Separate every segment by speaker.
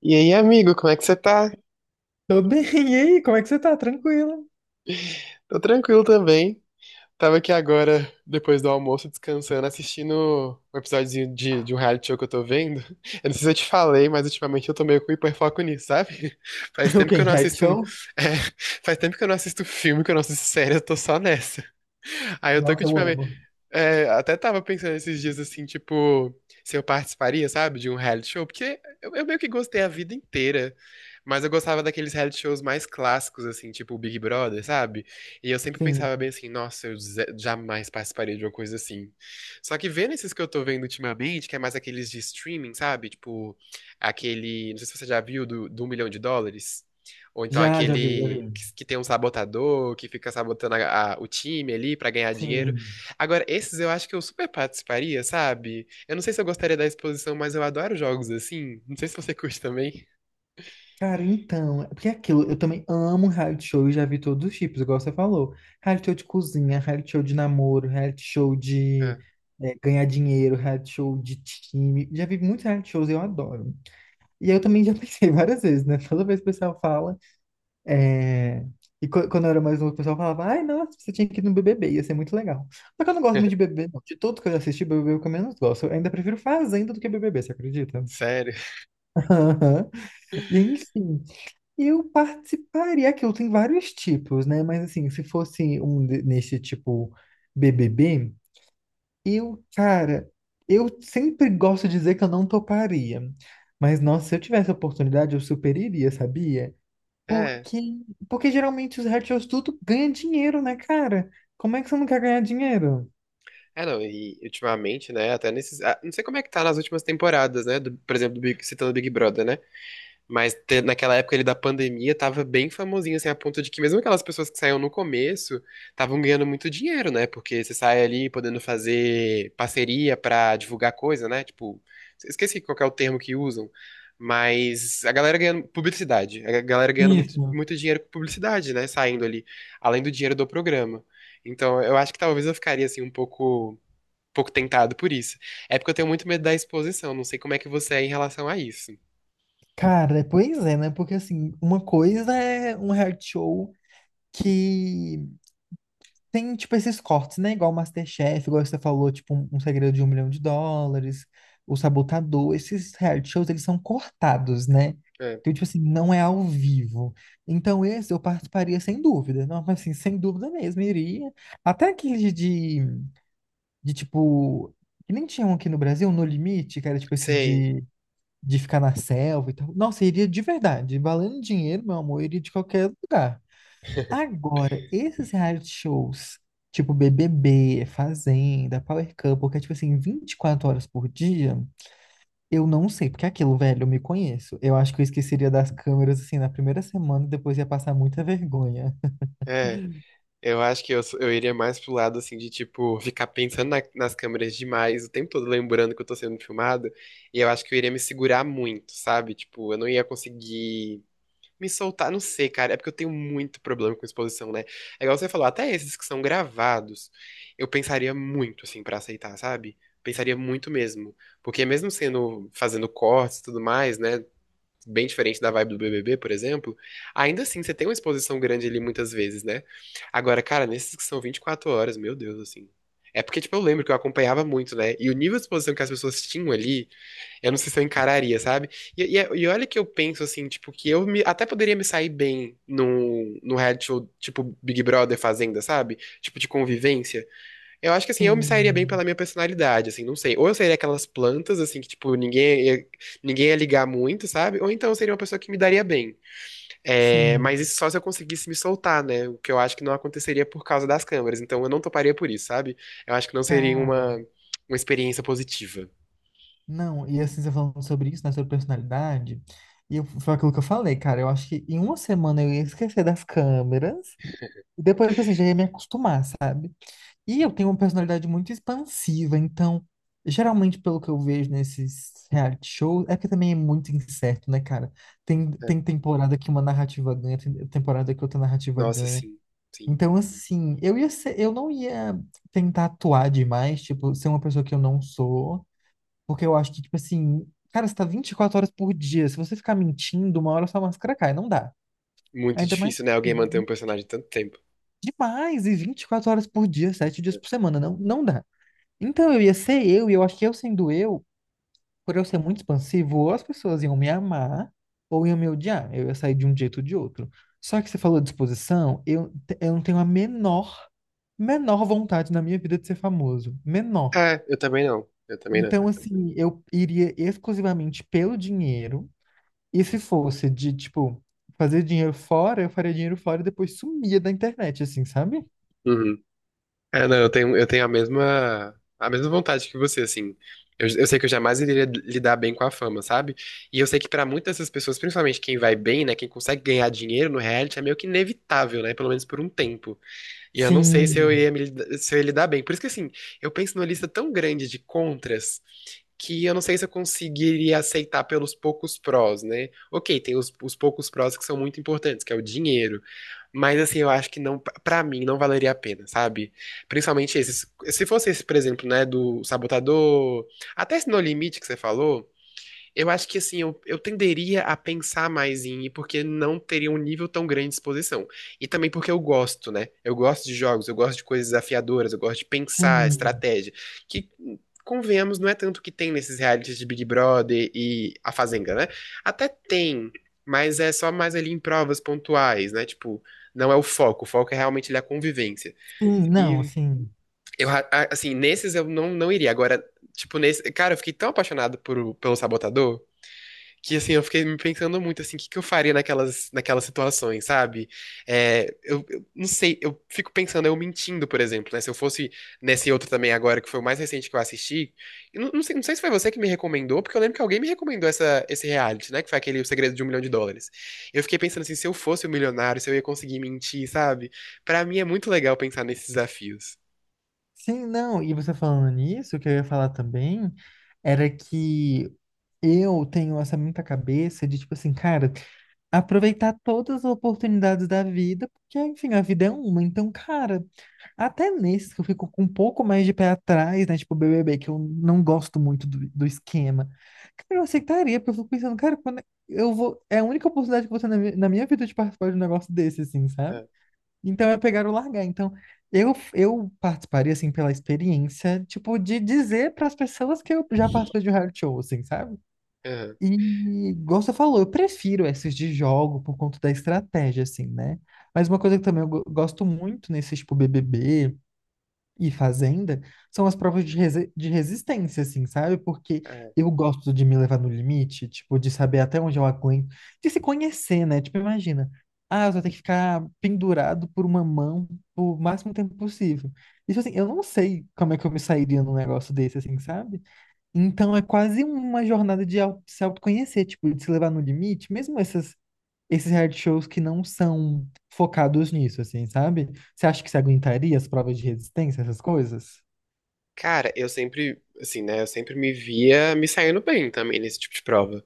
Speaker 1: E aí, amigo, como é que você tá?
Speaker 2: Tô bem, e aí? Como é que você tá? Tranquila?
Speaker 1: Tô tranquilo também. Tava aqui agora, depois do almoço, descansando, assistindo um episódiozinho de um reality show que eu tô vendo. Eu não sei se eu te falei, mas ultimamente eu tô meio com hiperfoco nisso, sabe? Faz
Speaker 2: O
Speaker 1: tempo
Speaker 2: quê?
Speaker 1: que eu não
Speaker 2: Reality
Speaker 1: assisto.
Speaker 2: show?
Speaker 1: É, faz tempo que eu não assisto filme, que eu não assisto série, eu tô só nessa. Aí eu tô que
Speaker 2: Nossa, eu
Speaker 1: ultimamente.
Speaker 2: amo.
Speaker 1: É, até tava pensando esses dias assim, tipo, se eu participaria, sabe, de um reality show, porque eu meio que gostei a vida inteira, mas eu gostava daqueles reality shows mais clássicos, assim, tipo o Big Brother, sabe? E eu sempre
Speaker 2: Sim.
Speaker 1: pensava bem assim, nossa, eu jamais participaria de uma coisa assim. Só que vendo esses que eu tô vendo ultimamente, que é mais aqueles de streaming, sabe? Tipo, aquele, não sei se você já viu, do Um Milhão de Dólares. Ou então
Speaker 2: Já, já vi, já
Speaker 1: aquele
Speaker 2: vi.
Speaker 1: que tem um sabotador, que fica sabotando o time ali pra ganhar dinheiro.
Speaker 2: Sim.
Speaker 1: Agora, esses eu acho que eu super participaria, sabe? Eu não sei se eu gostaria da exposição, mas eu adoro jogos assim. Não sei se você curte também.
Speaker 2: Cara, então, é porque é aquilo, eu também amo reality show e já vi todos os tipos, igual você falou. Reality show de cozinha, reality show de namoro, reality show de
Speaker 1: Ah,
Speaker 2: ganhar dinheiro, reality show de time. Já vi muitos reality shows e eu adoro. E eu também já pensei várias vezes, né? Toda vez que o pessoal fala. É, Quando eu era mais novo, o pessoal falava, ai, nossa, você tinha que ir no BBB, ia ser muito legal. Só que eu não gosto muito de BBB, não. De tudo que eu assisti, BBB é o que eu menos gosto. Eu ainda prefiro Fazenda do que BBB, você acredita?
Speaker 1: sério.
Speaker 2: Aham. E enfim, eu participaria. Aquilo tem vários tipos, né? Mas assim, se fosse um nesse tipo BBB, eu, cara, eu sempre gosto de dizer que eu não toparia. Mas, nossa, se eu tivesse a oportunidade, eu super iria, sabia?
Speaker 1: É.
Speaker 2: Porque, porque geralmente os retiros tudo ganha dinheiro, né, cara? Como é que você não quer ganhar dinheiro?
Speaker 1: É, não, e ultimamente, né, até nesses. Não sei como é que tá nas últimas temporadas, né? Por exemplo, do Big, citando o Big Brother, né? Mas naquela época ele da pandemia tava bem famosinho, assim, a ponto de que mesmo aquelas pessoas que saíam no começo estavam ganhando muito dinheiro, né? Porque você sai ali podendo fazer parceria pra divulgar coisa, né? Tipo, esqueci qual que é o termo que usam, mas a galera ganhando publicidade, a galera ganhando muito,
Speaker 2: Isso.
Speaker 1: muito dinheiro com publicidade, né? Saindo ali, além do dinheiro do programa. Então, eu acho que talvez eu ficaria assim um pouco tentado por isso. É porque eu tenho muito medo da exposição, não sei como é que você é em relação a isso.
Speaker 2: Cara, pois é, né? Porque assim, uma coisa é um reality show que tem, tipo, esses cortes, né? Igual MasterChef, igual você falou, tipo, um segredo de 1 milhão de dólares, o Sabotador, esses reality shows, eles são cortados, né?
Speaker 1: É,
Speaker 2: Então, tipo assim, não é ao vivo. Então, esse eu participaria sem dúvida. Não, mas assim, sem dúvida mesmo, iria. Até aquele de tipo, que nem tinha um aqui no Brasil, No Limite, que era tipo esse
Speaker 1: sei.
Speaker 2: de ficar na selva e tal. Nossa, eu iria de verdade, valendo dinheiro, meu amor, eu iria de qualquer lugar. Agora, esses reality shows, tipo BBB, Fazenda, Power Couple, que é tipo assim, 24 horas por dia, eu não sei, porque é aquilo, velho, eu me conheço. Eu acho que eu esqueceria das câmeras assim na primeira semana e depois ia passar muita vergonha.
Speaker 1: É, eu acho que eu iria mais pro lado, assim, de, tipo, ficar pensando nas câmeras demais, o tempo todo lembrando que eu tô sendo filmado, e eu acho que eu iria me segurar muito, sabe? Tipo, eu não ia conseguir me soltar, não sei, cara, é porque eu tenho muito problema com exposição, né? É igual você falou, até esses que são gravados, eu pensaria muito, assim, pra aceitar, sabe? Pensaria muito mesmo, porque mesmo sendo, fazendo cortes e tudo mais, né? Bem diferente da vibe do BBB, por exemplo, ainda assim você tem uma exposição grande ali muitas vezes, né? Agora, cara, nesses que são 24 horas, meu Deus, assim. É porque, tipo, eu lembro que eu acompanhava muito, né? E o nível de exposição que as pessoas tinham ali, eu não sei se eu encararia, sabe? E olha que eu penso, assim, tipo, que eu até poderia me sair bem num reality show, tipo, Big Brother Fazenda, sabe? Tipo, de convivência. Eu acho que assim, eu me sairia bem pela
Speaker 2: Sim,
Speaker 1: minha personalidade, assim, não sei. Ou eu seria aquelas plantas, assim, que, tipo, ninguém ia ligar muito, sabe? Ou então eu seria uma pessoa que me daria bem. É, mas
Speaker 2: sim.
Speaker 1: isso só se eu conseguisse me soltar, né? O que eu acho que não aconteceria por causa das câmeras. Então eu não toparia por isso, sabe? Eu acho que não seria uma,
Speaker 2: Cara,
Speaker 1: uma experiência positiva.
Speaker 2: não, e assim, você falando sobre isso, né, sobre personalidade, foi aquilo que eu falei, cara, eu acho que em uma semana eu ia esquecer das câmeras, e depois, tipo assim, já ia me acostumar, sabe? E eu tenho uma personalidade muito expansiva, então, geralmente, pelo que eu vejo nesses reality shows, é porque também é muito incerto, né, cara? Tem,
Speaker 1: É.
Speaker 2: tem temporada que uma narrativa ganha, tem temporada que outra narrativa
Speaker 1: Nossa,
Speaker 2: ganha.
Speaker 1: sim, sim.
Speaker 2: Então, assim, eu ia ser, eu não ia tentar atuar demais, tipo, ser uma pessoa que eu não sou, porque eu acho que, tipo assim, cara, você tá 24 horas por dia. Se você ficar mentindo, uma hora sua máscara cai. Não dá.
Speaker 1: Muito
Speaker 2: Ainda mais
Speaker 1: difícil, né? Alguém manter um personagem tanto tempo.
Speaker 2: demais. E 24 horas por dia, 7 dias por semana. Não dá. Então eu ia ser eu, e eu acho que eu sendo eu, por eu ser muito expansivo, ou as pessoas iam me amar, ou iam me odiar. Eu ia sair de um jeito ou de outro. Só que você falou de exposição, eu não tenho a menor, menor vontade na minha vida de ser famoso. Menor.
Speaker 1: É, eu também não. Eu também não.
Speaker 2: Então, assim, eu iria exclusivamente pelo dinheiro. E se fosse de, tipo, fazer dinheiro fora, eu faria dinheiro fora e depois sumia da internet, assim, sabe? Tipo,
Speaker 1: Uhum. É, não, eu tenho a mesma vontade que você, assim. Eu sei que eu jamais iria lidar bem com a fama, sabe? E eu sei que pra muitas dessas pessoas, principalmente quem vai bem, né, quem consegue ganhar dinheiro no reality, é meio que inevitável, né? Pelo menos por um tempo. E eu não sei
Speaker 2: sim,
Speaker 1: se eu ia lidar bem. Por isso que, assim, eu penso numa lista tão grande de contras que eu não sei se eu conseguiria aceitar pelos poucos prós, né? Ok, tem os poucos prós que são muito importantes, que é o dinheiro. Mas, assim, eu acho que não, pra mim, não valeria a pena, sabe? Principalmente esses. Se fosse esse, por exemplo, né, do sabotador, até esse No Limite que você falou. Eu acho que assim, eu tenderia a pensar mais em ir, porque não teria um nível tão grande de exposição. E também porque eu gosto, né? Eu gosto de jogos, eu gosto de coisas desafiadoras, eu gosto de pensar
Speaker 2: sim,
Speaker 1: estratégia. Que, convenhamos, não é tanto o que tem nesses realities de Big Brother e A Fazenda, né? Até tem, mas é só mais ali em provas pontuais, né? Tipo, não é o foco é realmente ali a convivência.
Speaker 2: sim,
Speaker 1: E
Speaker 2: não, assim.
Speaker 1: eu, assim, nesses eu não iria. Agora, tipo, nesse. Cara, eu fiquei tão apaixonado pelo Sabotador que assim, eu fiquei me pensando muito assim, o que que eu faria naquelas situações, sabe? É, eu não sei, eu fico pensando, eu mentindo, por exemplo, né? Se eu fosse nesse outro também agora, que foi o mais recente que eu assisti, eu não sei se foi você que me recomendou, porque eu lembro que alguém me recomendou esse reality, né? Que foi aquele O Segredo de um Milhão de Dólares. Eu fiquei pensando assim, se eu fosse um milionário, se eu ia conseguir mentir, sabe? Pra mim é muito legal pensar nesses desafios.
Speaker 2: Sim, não. E você falando nisso, o que eu ia falar também era que eu tenho essa muita cabeça de, tipo assim, cara, aproveitar todas as oportunidades da vida, porque, enfim, a vida é uma. Então, cara, até nesses que eu fico com um pouco mais de pé atrás, né? Tipo, BBB, que eu não gosto muito do esquema. Cara, eu aceitaria, porque eu fico pensando, cara, quando eu vou. É a única oportunidade que você na minha vida de participar de um negócio desse, assim, sabe?
Speaker 1: Ah,
Speaker 2: Então é pegar ou largar. Então, eu participaria, assim, pela experiência, tipo, de dizer para as pessoas que eu já participei de um reality show, assim, sabe?
Speaker 1: aham,
Speaker 2: E, igual você falou, eu prefiro esses de jogo por conta da estratégia, assim, né? Mas uma coisa que também eu gosto muito nesse, tipo, BBB e Fazenda são as provas de resistência, assim, sabe? Porque
Speaker 1: ah.
Speaker 2: eu gosto de me levar no limite, tipo, de saber até onde eu aguento, de se conhecer, né? Tipo, imagina, ah, eu vou ter que ficar pendurado por uma mão o máximo tempo possível. Isso, assim, eu não sei como é que eu me sairia num negócio desse, assim, sabe? Então é quase uma jornada de se autoconhecer, tipo, de se levar no limite, mesmo essas esses reality shows que não são focados nisso, assim, sabe? Você acha que você aguentaria as provas de resistência, essas coisas?
Speaker 1: Cara, eu sempre, assim, né? Eu sempre me via me saindo bem também nesse tipo de prova.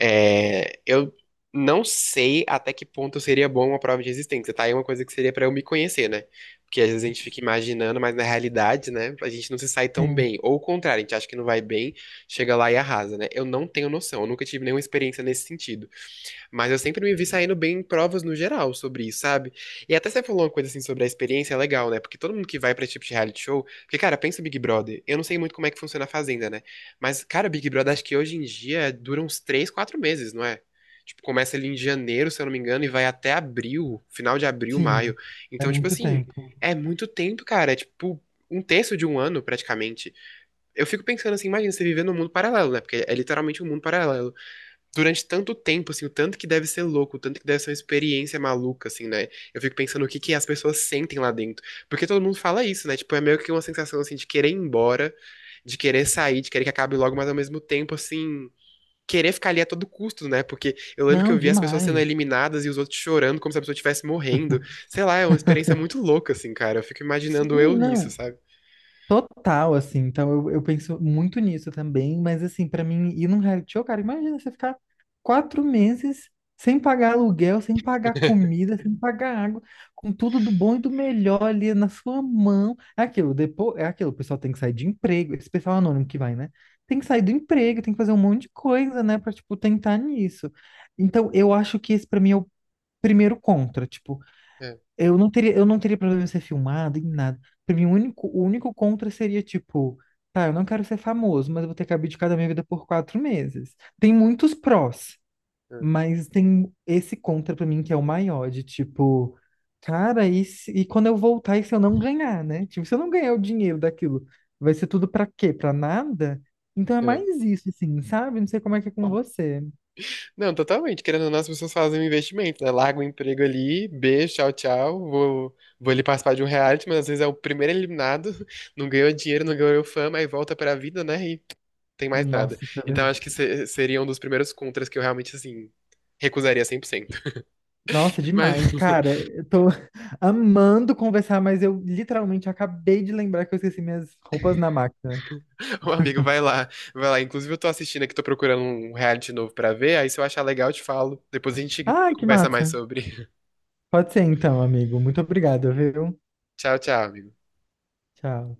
Speaker 1: É, eu não sei até que ponto seria bom uma prova de resistência, tá? É uma coisa que seria pra eu me conhecer, né? Porque às vezes a gente fica imaginando, mas na realidade, né, a gente não se sai tão
Speaker 2: Sim,
Speaker 1: bem. Ou o contrário, a gente acha que não vai bem, chega lá e arrasa, né? Eu não tenho noção, eu nunca tive nenhuma experiência nesse sentido. Mas eu sempre me vi saindo bem em provas no geral sobre isso, sabe? E até você falou uma coisa assim sobre a experiência, é legal, né? Porque todo mundo que vai pra esse tipo de reality show. Porque, cara, pensa o Big Brother. Eu não sei muito como é que funciona a Fazenda, né? Mas, cara, Big Brother acho que hoje em dia dura uns 3 4 meses, não é? Tipo, começa ali em janeiro, se eu não me engano, e vai até abril, final de abril, maio.
Speaker 2: sim. É
Speaker 1: Então, tipo
Speaker 2: muito
Speaker 1: assim,
Speaker 2: tempo.
Speaker 1: é muito tempo, cara. É tipo um terço de um ano, praticamente. Eu fico pensando assim, imagina você viver num mundo paralelo, né? Porque é literalmente um mundo paralelo durante tanto tempo, assim, o tanto que deve ser louco, o tanto que deve ser uma experiência maluca, assim, né? Eu fico pensando o que que as pessoas sentem lá dentro. Porque todo mundo fala isso, né? Tipo, é meio que uma sensação, assim, de querer ir embora, de querer sair, de querer que acabe logo, mas ao mesmo tempo, assim, querer ficar ali a todo custo, né? Porque eu lembro que
Speaker 2: Não,
Speaker 1: eu vi as pessoas sendo
Speaker 2: demais.
Speaker 1: eliminadas e os outros chorando como se a pessoa estivesse morrendo. Sei lá, é uma experiência muito louca, assim, cara. Eu fico
Speaker 2: Sim,
Speaker 1: imaginando eu nisso,
Speaker 2: não.
Speaker 1: sabe?
Speaker 2: Total, assim, então eu penso muito nisso também, mas assim, pra mim, ir num reality show, cara, imagina você ficar 4 meses sem pagar aluguel, sem pagar comida, sem pagar água, com tudo do bom e do melhor ali na sua mão. É aquilo, depois, é aquilo, o pessoal tem que sair de emprego, esse pessoal anônimo que vai, né? Tem que sair do emprego, tem que fazer um monte de coisa, né, pra, tipo, tentar nisso. Então, eu acho que esse pra mim é o primeiro contra, tipo,
Speaker 1: É,
Speaker 2: eu não teria problema em ser filmado, em nada. Pra mim, o único contra seria, tipo, tá, eu não quero ser famoso, mas eu vou ter que abdicar da minha vida por 4 meses. Tem muitos prós,
Speaker 1: é,
Speaker 2: mas tem esse contra pra mim que é o maior, de tipo, cara, e, e quando eu voltar, e se eu não ganhar, né? Tipo, se eu não ganhar o dinheiro daquilo, vai ser tudo pra quê? Pra nada? Então é
Speaker 1: é.
Speaker 2: mais isso, assim, sabe? Não sei como é que é com você.
Speaker 1: Não, totalmente. Querendo ou não, as pessoas fazem um investimento, né? Larga o emprego ali, beijo, tchau, tchau. Vou ali participar de um reality, mas às vezes é o primeiro eliminado, não ganhou dinheiro, não ganhou fama, aí volta pra vida, né? E tem mais nada.
Speaker 2: Nossa, isso é
Speaker 1: Então acho que seria um dos primeiros contras que eu realmente, assim, recusaria 100%.
Speaker 2: Nossa,
Speaker 1: Mas,
Speaker 2: demais, cara. Eu tô amando conversar, mas eu literalmente acabei de lembrar que eu esqueci minhas roupas na máquina.
Speaker 1: ô amigo, vai lá, vai lá. Inclusive, eu tô assistindo aqui, tô procurando um reality novo pra ver, aí se eu achar legal, eu te falo. Depois a gente
Speaker 2: Ai, que
Speaker 1: conversa mais
Speaker 2: massa.
Speaker 1: sobre.
Speaker 2: Pode ser então, amigo. Muito obrigado, viu?
Speaker 1: Tchau, tchau, amigo.
Speaker 2: Tchau.